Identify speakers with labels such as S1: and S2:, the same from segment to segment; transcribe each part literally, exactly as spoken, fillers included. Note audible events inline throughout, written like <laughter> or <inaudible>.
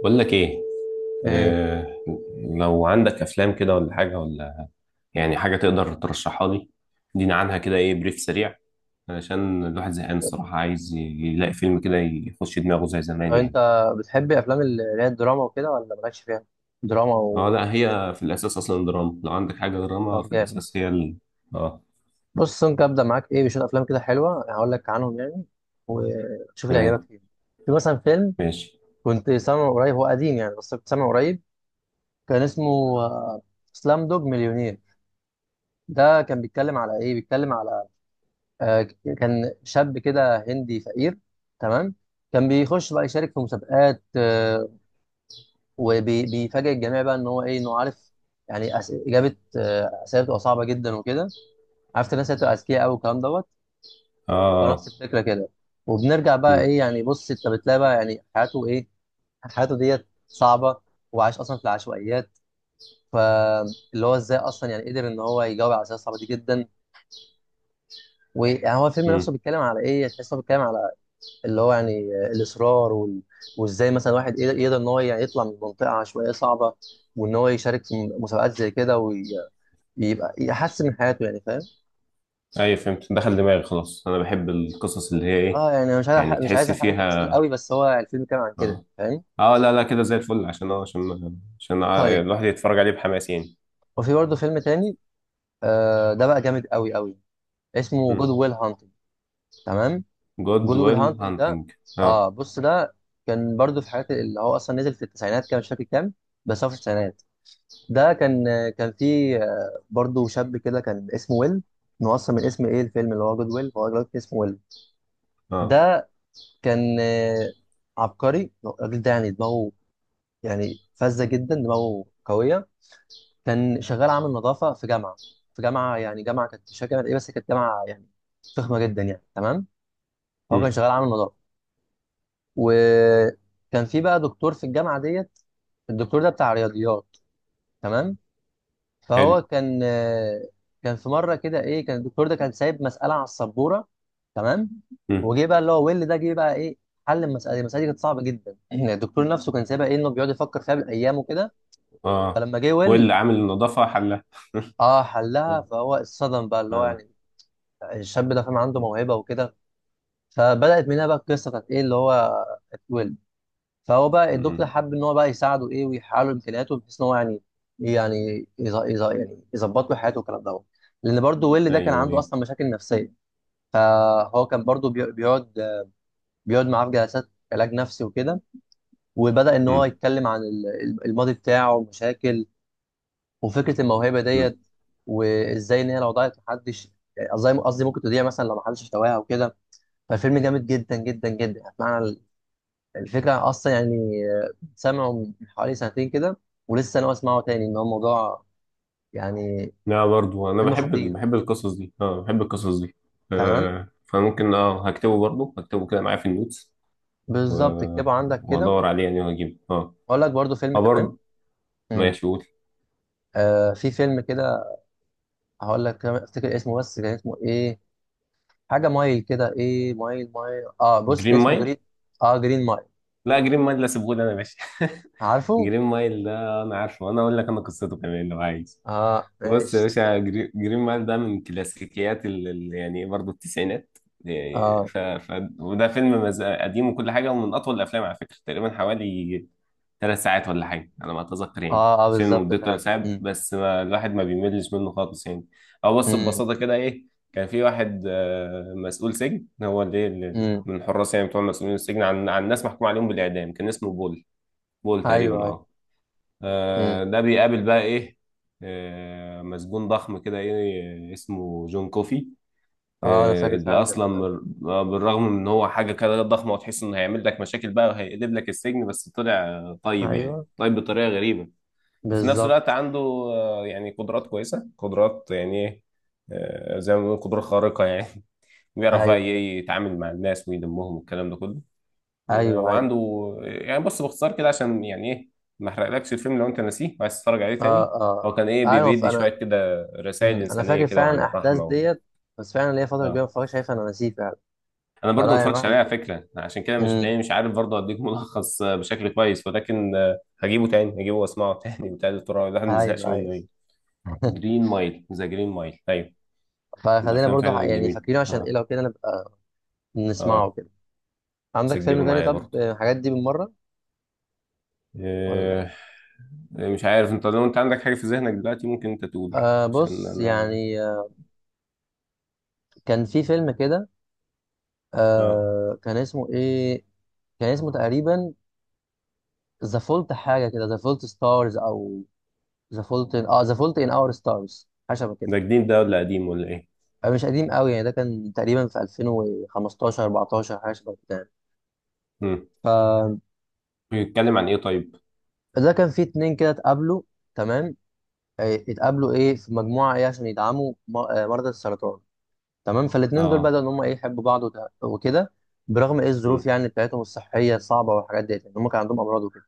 S1: بقول لك ايه.
S2: ايه.
S1: آه، لو عندك افلام كده ولا حاجه، ولا يعني حاجه تقدر ترشحها لي. دينا عنها كده، ايه بريف سريع، علشان الواحد زهقان الصراحه، عايز يلاقي فيلم كده يخش دماغه زي
S2: طب
S1: زمان
S2: انت
S1: يعني.
S2: بتحب افلام ال- اللي هي الدراما وكده، ولا مالكش فيها دراما
S1: اه،
S2: و...
S1: لا، هي في الاساس اصلا دراما. لو عندك حاجه دراما
S2: طب
S1: في
S2: جامد.
S1: الاساس، هي ال... اه.
S2: بص، ممكن ابدا معاك ايه بشويه افلام كده حلوه، هقول لك عنهم يعني، وشوف اللي يعجبك
S1: تمام.
S2: فيهم. في مثلا فيلم
S1: ماشي.
S2: كنت سامعه قريب، هو قديم يعني بس كنت سامعه قريب. كان اسمه سلام دوج مليونير. ده كان بيتكلم على ايه، بيتكلم على آه، كان شاب كده هندي فقير، تمام. كان بيخش بقى يشارك في مسابقات، آه، وبيفاجئ الجميع بقى ان هو ايه، انه عارف يعني أس... اجابه آه، اسئله بتبقى صعبه جدا وكده. عارف الناس اللي بتبقى اذكياء قوي والكلام دوت.
S1: اه، اه.
S2: فنفس الفكره كده. وبنرجع بقى
S1: مم،
S2: ايه يعني، بص انت بتلاقي بقى يعني حياته ايه، حياته ديت صعبه، وعايش اصلا في العشوائيات. فاللي هو ازاي اصلا يعني قدر ان هو يجاوب على الاسئله الصعبه دي جدا. ويعني هو الفيلم نفسه
S1: مم.
S2: بيتكلم على ايه، تحس إن هو بيتكلم على اللي هو يعني آه، الاصرار وال... وازاي مثلا واحد يقدر، يقدر ان هو يعني يطلع من منطقه عشوائيه صعبه، وان هو يشارك في مسابقات زي كده، يبقى يحسن من حياته يعني، فاهم.
S1: ايوه، فهمت، دخل دماغي خلاص. انا بحب القصص اللي هي ايه.
S2: اه يعني أنا مش عايز
S1: يعني
S2: أحرق- مش عايز
S1: تحس
S2: احرق تفاصيل
S1: فيها.
S2: قوي، بس هو الفيلم كان عن كده
S1: اه،
S2: فاهم.
S1: اه، لا، لا، كده زي الفل. عشان اه عشان عشان ع-
S2: طيب.
S1: الواحد يتفرج عليه بحماس يعني.
S2: وفي برضه فيلم تاني، آه ده بقى جامد قوي قوي. اسمه جود ويل هانتنج، تمام.
S1: جود
S2: جود ويل
S1: ويل
S2: هانتنج ده،
S1: هانتنج. اه.
S2: اه بص ده كان برضه في حاجات اللي هو اصلا نزل في التسعينات، كان مش فاكر كام، بس هو في التسعينات. ده كان آه، كان فيه آه برضه شاب كده كان اسمه ويل. إن هو اصلا من اسم ايه الفيلم، اللي هو جود ويل، هو دلوقتي اسمه ويل.
S1: اه.
S2: ده كان آه، عبقري الراجل ده، يعني دماغه يعني فذة جدا، دماغه قوية. كان شغال عامل نظافة في جامعة، في جامعة، يعني جامعة كانت مش فاكر جامعة ايه، بس كانت جامعة يعني فخمة جدا يعني، تمام. هو كان
S1: مم.
S2: شغال عامل نظافة. وكان في بقى دكتور في الجامعة ديت، الدكتور ده بتاع رياضيات، تمام.
S1: حلو.
S2: فهو كان آه، كان في مرة كده ايه، كان الدكتور ده كان سايب مسألة على السبورة، تمام.
S1: مم.
S2: وجه بقى اللي هو ويل ده، جه بقى ايه، حل المسألة دي. المسألة دي كانت صعبة جدا. <clears throat> الدكتور نفسه كان سايبها ايه، انه بيقعد يفكر فيها بالأيام وكده.
S1: اه،
S2: فلما جه ويل،
S1: ويل عامل النظافة حلها. <laughs>
S2: اه حلها. فهو اتصدم بقى، اللي هو
S1: اه.
S2: يعني الشاب ده فاهم عنده موهبه وكده. فبدات من هنا بقى القصه بتاعت ايه، اللي هو اتولد. فهو بقى الدكتور
S1: مم.
S2: حب ان هو بقى يساعده ايه، ويحقق له امكانياته بحيث ان هو يعني، يعني يز- يز- يعني يظبط له حياته والكلام دوت. لان برضه ويل ده كان
S1: ايوه،
S2: عنده
S1: ايوه.
S2: اصلا مشاكل نفسيه. فهو كان برضه بي- بيقعد، بيقعد معاه في جلسات علاج نفسي وكده. وبدا ان هو
S1: مم.
S2: يتكلم عن ال- الماضي بتاعه ومشاكل. وفكره الموهبه
S1: مم.
S2: ديت، وازاي ان هي لو ضاعت محدش، قصدي قصدي ممكن تضيع مثلا لو محدش اشتواها او كده. فالفيلم جامد جدا جدا جدا. معنى الفكره اصلا يعني آه، سامعه من حوالي سنتين كده، ولسه انا بسمعه تاني ان هو الموضوع يعني
S1: لا، برضو انا
S2: فيلم
S1: بحب ال-
S2: خطير.
S1: بحب القصص دي. اه، بحب القصص دي.
S2: تمام،
S1: آه، فممكن، اه هكتبه برضو هكتبه كده معايا في النوتس.
S2: بالظبط
S1: و-
S2: اكتبه عندك كده.
S1: وادور عليه يعني وهجيبه اه.
S2: اقول لك برضو فيلم
S1: اه،
S2: كمان.
S1: برضو.
S2: مم.
S1: ماشي، قول.
S2: آه في فيلم كده، هقول لك كمان افتكر اسمه، بس كان اسمه ايه، حاجه مايل كده، ايه مايل مايل اه بص،
S1: جرين
S2: كان اسمه
S1: مايل.
S2: جرين. اه جرين مايل.
S1: لا، جرين مايل، لا، سيبهولي انا يا باشا. <laughs>
S2: عارفه.
S1: جرين مايل ده انا عارفه، انا اقول لك انا قصته كمان لو عايز.
S2: اه
S1: بص يا
S2: ماشي.
S1: باشا، جري- جرين مايل ده من كلاسيكيات ال... ال- يعني برضه التسعينات. يعني
S2: اه
S1: ف... ف... وده فيلم مز... قديم وكل حاجه، ومن اطول الافلام على فكره تقريبا حوالي ثلاث ساعات ولا حاجة على ما أتذكر يعني.
S2: اه اه
S1: فيلم
S2: بالظبط
S1: مدته ثلاث
S2: فعلا.
S1: ساعات
S2: امم.
S1: بس ما الواحد ما بيملش منه خالص يعني. أو بص،
S2: امم
S1: ببساطة كده إيه. كان في واحد آه، مسؤول سجن، هو اللي اللي-
S2: امم.
S1: من الحراس يعني، بتوع مسؤولين السجن عن عن ناس محكوم عليهم بالإعدام. كان اسمه بول. بول تقريبا،
S2: ايوه ايوه.
S1: أه. آه،
S2: امم.
S1: ده بيقابل بقى إيه، آه، مسجون ضخم كده، إيه، اسمه جون كوفي.
S2: اه انا
S1: إيه،
S2: فاكر
S1: اللي
S2: فعلا كانت
S1: اصلا
S2: حد.
S1: مر- بالرغم من ان هو حاجه كده ضخمه، وتحس انه هيعمل لك مشاكل بقى وهيقلب لك السجن، بس طلع آه، طيب، يعني
S2: ايوه
S1: طيب بطريقه غريبه. وفي نفس الوقت
S2: بالظبط.
S1: عنده آه، يعني قدرات كويسه، قدرات يعني ايه. آه، زي ما بنقول قدرات خارقه يعني. <laughs>
S2: ايوه
S1: بيعرف بقى
S2: ايوه
S1: إيه يتعامل مع الناس ويلمهم والكلام ده كله. و-
S2: ايوه ايوه
S1: وعنده. يعني بص باختصار كده، عشان يعني ايه ما احرقلكش الفيلم لو انت ناسيه وعايز تتفرج عليه
S2: اه
S1: تاني.
S2: اه
S1: هو كان ايه
S2: آه.
S1: بي-
S2: ايوه ف-
S1: بيدي شويه
S2: انا،
S1: كده رسائل
S2: امم انا
S1: انسانيه
S2: فاكر
S1: كده،
S2: فعلا
S1: وعن
S2: الاحداث
S1: الرحمه و...
S2: ديت، بس فعلا ليا فتره كبيره
S1: اه،
S2: ما اتفرجش، شايفها انا نسيه فعلا.
S1: انا برضو ما
S2: فلا يعني
S1: اتفرجتش عليه على
S2: واحد.
S1: فكره، عشان كده مش
S2: امم.
S1: تلاقيني مش عارف برضو اديك <laughs> ملخص آه، بشكل كويس، ولكن آه، هجيبه تاني هجيبه واسمعه <laughs> تاني وتالت ورابع، الواحد ما بيزهقش
S2: ايوه ايوه.
S1: منه ايه. جرين مايل، ذا جرين مايل، ايوه. من
S2: فخلينا
S1: الافلام
S2: برضو
S1: فعلا
S2: ح- يعني
S1: الجميله.
S2: فاكرينه عشان ايه
S1: اه.
S2: لو كده، نبقى نسمعه
S1: اه،
S2: كده. عندك
S1: سجله
S2: فيلم تاني
S1: معايا
S2: طب،
S1: برضو.
S2: آه، الحاجات دي بالمره ولا؟
S1: آه. مش عارف، انت لو انت عندك حاجه في ذهنك دلوقتي ممكن انت تقول،
S2: آه
S1: عشان
S2: بص
S1: انا،
S2: يعني آه، كان في فيلم كده،
S1: اه.
S2: آه كان اسمه ايه، كان اسمه تقريبا ذا فولت حاجه كده، ذا فولت ستارز، او ذا فولت اه ذا فولت ان اور ستارز، حاجه شبه كده.
S1: ده جديد ده ولا قديم ولا ايه؟
S2: آه، مش قديم قوي يعني، ده كان تقريبا في ألفين وخمستاشر أربعتاشر حاجه شبه كده يعني.
S1: امم.
S2: فده
S1: بيتكلم عن ايه طيب؟
S2: كان فيه اتنين كده اتقابلوا، تمام. آه، اتقابلوا ايه في مجموعه ايه عشان يدعموا م- آه، مرضى السرطان، تمام. فالاتنين دول
S1: اه.
S2: بدأوا ان هم ايه يحبوا بعض وت- وكده، برغم ايه الظروف
S1: امم
S2: يعني بتاعتهم الصحيه الصعبه والحاجات ديت، يعني هم كان عندهم امراض وكده،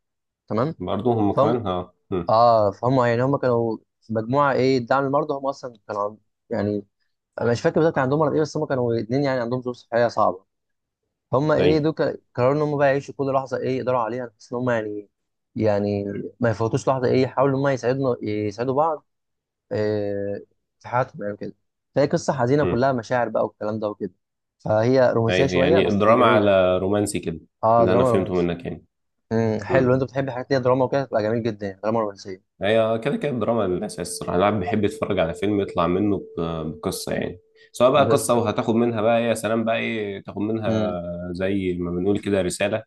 S2: تمام.
S1: برضو هم
S2: فهم
S1: كمان، اه. امم
S2: اه فهم يعني، هم كانوا في مجموعه ايه دعم المرضى، هم اصلا كانوا عن- يعني انا مش فاكر بالظبط كان عندهم مرض ايه، بس هم كانوا اتنين يعني عندهم ظروف صحيه صعبه. هم ايه
S1: ايوه.
S2: دول ك- قرروا ان هم بقى يعيشوا كل لحظه ايه يقدروا عليها، بحيث ان هم يعني، يعني ما يفوتوش لحظه ايه، يحاولوا ان هم يساعدنا يساعدوا بعض، إيه، في حياتهم يعني كده. فهي قصه حزينه
S1: مم.
S2: كلها مشاعر بقى والكلام ده وكده. فهي رومانسيه
S1: ايوه،
S2: شويه
S1: يعني
S2: بس
S1: دراما
S2: جميله.
S1: على رومانسي كده،
S2: اه
S1: اللي انا
S2: دراما
S1: فهمته
S2: رومانسي.
S1: منك يعني.
S2: امم. حلو، انت
S1: امم.
S2: بتحب الحاجات اللي هي دراما وكده، تبقى جميل جدا يعني دراما رومانسيه.
S1: هي كده كده الدراما الاساس الصراحه، الواحد بيحب يتفرج على فيلم يطلع منه ب- بقصه يعني. سواء بقى قصه
S2: بالظبط.
S1: وهتاخد منها بقى إيه، يا سلام بقى ايه تاخد
S2: امم.
S1: منها، زي ما بنقول كده رساله،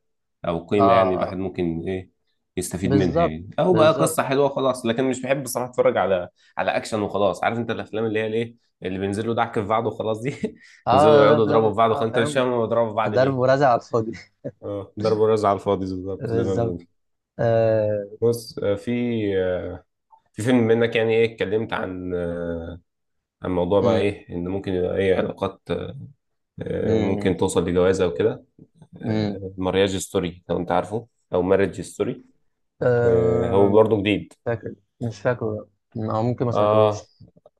S1: او
S2: اه
S1: قيمه يعني الواحد
S2: آه.
S1: ممكن ايه يستفيد منها
S2: بالظبط
S1: يعني. او بقى
S2: بالظبط.
S1: قصه حلوه خلاص. لكن مش بحب الصراحه اتفرج على على اكشن وخلاص. عارف انت الافلام اللي هي الايه، اللي بينزلوا دعك في بعض وخلاص دي. <laughs> ينزلوا
S2: اه ضرب
S1: يقعدوا يضربوا
S2: ضرب
S1: في بعض وخلاص،
S2: بتاع
S1: انت مش فاهم
S2: فاهم،
S1: هما بيضربوا في بعض.
S2: ضرب ورزع على الفاضي <laughs>
S1: اه، ضرب ورز على الفاضي بالظبط، زي ما
S2: بالظبط
S1: بنقول.
S2: آه.
S1: بص، آه، في، آه، في فيلم منك يعني ايه، اتكلمت عن آه، عن موضوع بقى
S2: مم.
S1: ايه ان ممكن يبقى ايه علاقات، آه،
S2: مم.
S1: ممكن توصل لجوازة وكده.
S2: مم.
S1: مارياج ستوري لو انت عارفه، او ماريج ستوري، هو
S2: آه.
S1: برضه جديد.
S2: فاكر. مش فاكره، او ممكن ما
S1: اه،
S2: سمعتهوش.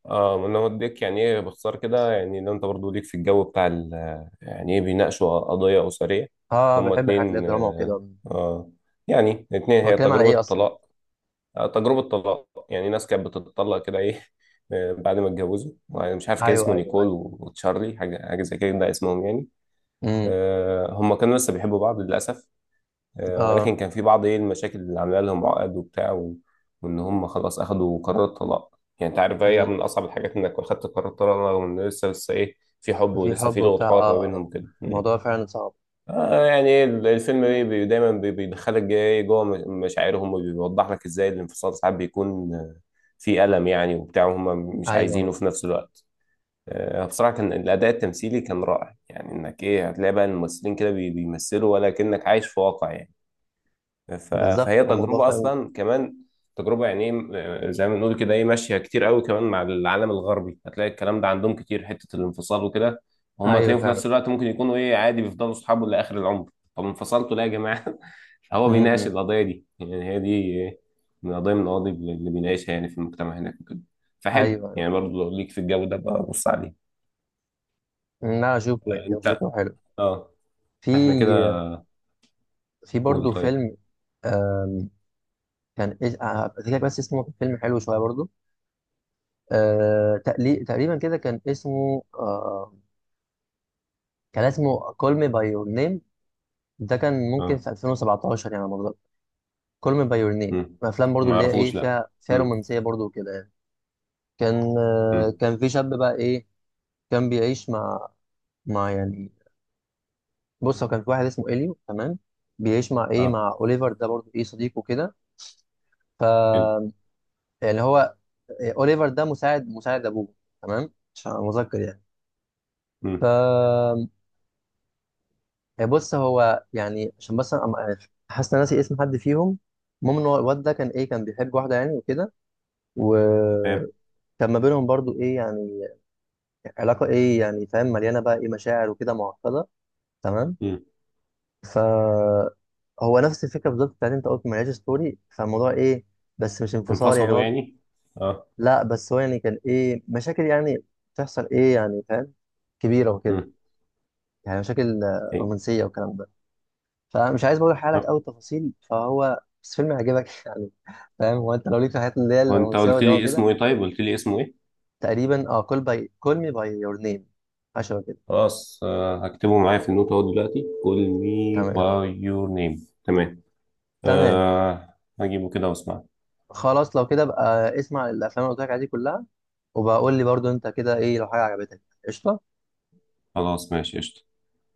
S1: اه، ما انا وديك يعني ايه باختصار كده، يعني لو انت برضه ليك في الجو بتاع ال- يعني ايه بيناقشوا قضية أسرية.
S2: اه
S1: هما
S2: بحب حاجات اللي هي
S1: اتنين،
S2: دراما
S1: اه.
S2: وكده.
S1: آه، يعني اتنين،
S2: هو
S1: هي
S2: الكلام على ايه
S1: تجربة
S2: اصلا يعني؟
S1: طلاق. آه، تجربة طلاق، يعني ناس كانت بتتطلق كده ايه، آه، بعد ما اتجوزوا، يعني مش عارف كان
S2: ايوه
S1: اسمه
S2: ايوه
S1: نيكول
S2: ايوه.
S1: و- وتشارلي، حاجة حاجة زي كده ده اسمهم يعني.
S2: مم.
S1: آه، هم كانوا لسه بيحبوا بعض للأسف. آه،
S2: اه.
S1: ولكن كان في بعض ايه المشاكل اللي عاملة لهم عقد وبتاع و- وإن هم خلاص أخدوا قرار الطلاق. يعني أنت عارف، هي
S2: مم.
S1: من أصعب الحاجات إنك أخدت قرار الطلاق رغم إن لسه لسه ايه، في حب،
S2: في
S1: ولسه في
S2: حب
S1: لغة
S2: وبتاع
S1: حوار ما
S2: اه،
S1: بينهم كده.
S2: الموضوع فعلا صعب.
S1: آه يعني إيه، الفيلم بي بي- دايما بي- بيدخلك جاي إيه، جوه م- مشاعرهم، وبيوضح لك ازاي الانفصال ساعات بيكون آه، في ألم يعني وبتاع، وهم مش
S2: ايوه
S1: عايزينه في نفس الوقت. آه، بصراحة، كان الأداء التمثيلي كان رائع، يعني إنك إيه هتلاقي بقى الممثلين كده بي- بيمثلوا، ولا كأنك عايش في واقع يعني. ف-
S2: بالظبط،
S1: فهي
S2: هو الموضوع
S1: تجربة
S2: فعلا.
S1: أصلا كمان تجربة يعني إيه، آه، زي ما بنقول كده إيه، ماشية كتير قوي كمان مع العالم الغربي. هتلاقي الكلام ده عندهم كتير، حتة الانفصال وكده، هم
S2: ايوه
S1: تلاقيهم في
S2: فعلا.
S1: نفس الوقت ممكن يكونوا إيه، عادي بيفضلوا صحابه لآخر العمر. طب انفصلتوا ليه يا جماعة؟ <laughs> هو بيناقش
S2: مم.
S1: القضية دي، يعني هي دي إيه، من قضية من القضايا اللي بيناقشها يعني في المجتمع هناك وكده. فحلو
S2: ايوه.
S1: يعني، برضه لو ليك في الجو ده بقى بص عليه.
S2: لا اشوفه يعني، هو
S1: أنت.
S2: شكله حلو.
S1: أه. إحنا كده.
S2: في، في
S1: قول
S2: برضه
S1: طيب.
S2: فيلم، آم، كان إيه هفتكر لك بس اسمه، كان فيلم حلو شويه برضه، آه، تقلي- تقريبا كده كان اسمه آه، كان اسمه Call Me by Your Name. ده كان ممكن
S1: أه.
S2: في ألفين وسبعة عشر يعني على ما أتذكر. Call Me by Your Name
S1: مم.
S2: من الافلام برضه اللي هي ايه،
S1: معرفوش، لأ.
S2: فيها فيها
S1: مم.
S2: رومانسيه برضه وكده يعني. كان آه،
S1: مم.
S2: كان في شاب بقى ايه، كان بيعيش مع، مع يعني بص، هو كان في واحد اسمه اليو، تمام، بيعيش مع ايه
S1: أه،
S2: مع اوليفر ده، برضه ايه صديقه كده
S1: حلو.
S2: يعني. هو إيه، اوليفر ده مساعد، مساعد ابوه، تمام، عشان أبقى مذكر يعني. ف
S1: مم.
S2: آه، بص هو يعني، عشان بس أنا أم- حاسس ان أنا ناسي اسم حد فيهم. المهم ان هو الواد ده كان ايه، كان بيحب واحده يعني وكده،
S1: تمام.
S2: وكان ما بينهم برضو ايه يعني علاقه ايه يعني فاهم، مليانه بقى ايه مشاعر وكده معقده، تمام.
S1: مم.
S2: ف هو نفس الفكره بالظبط بتاعت انت قلت، ملهاش ستوري فالموضوع ايه، بس مش انفصال يعني،
S1: انفصلوا
S2: هو
S1: يعني؟ اه.
S2: لا بس هو يعني كان ايه مشاكل يعني بتحصل ايه يعني فاهم كبيره وكده،
S1: امم.
S2: يعني مشاكل آه،
S1: ايه.
S2: رومانسيه والكلام ده. فمش عايز برضه احرق لك
S1: آه.
S2: قوي التفاصيل، فهو بس فيلم هيعجبك <laughs> يعني، فاهم، هو انت لو ليك في الحاجات اللي هي
S1: هو انت
S2: الرومانسيه
S1: قلت
S2: والدراما
S1: لي
S2: كده.
S1: اسمه ايه؟ طيب قلت لي اسمه ايه؟
S2: تقريبا اه كول باي كول مي باي يور نيم، عشان كده.
S1: خلاص. آه. هكتبه معايا في النوت اهو دلوقتي. call me
S2: تمام
S1: by your name. تمام.
S2: تمام.
S1: آه. هجيبه كده واسمع.
S2: خلاص لو كده بقى، اسمع الافلام اللي قلت لك عليها دي كلها، وبقول لي برضه انت كده ايه لو حاجه عجبتك. قشطه.
S1: خلاص، ماشي، قشطة.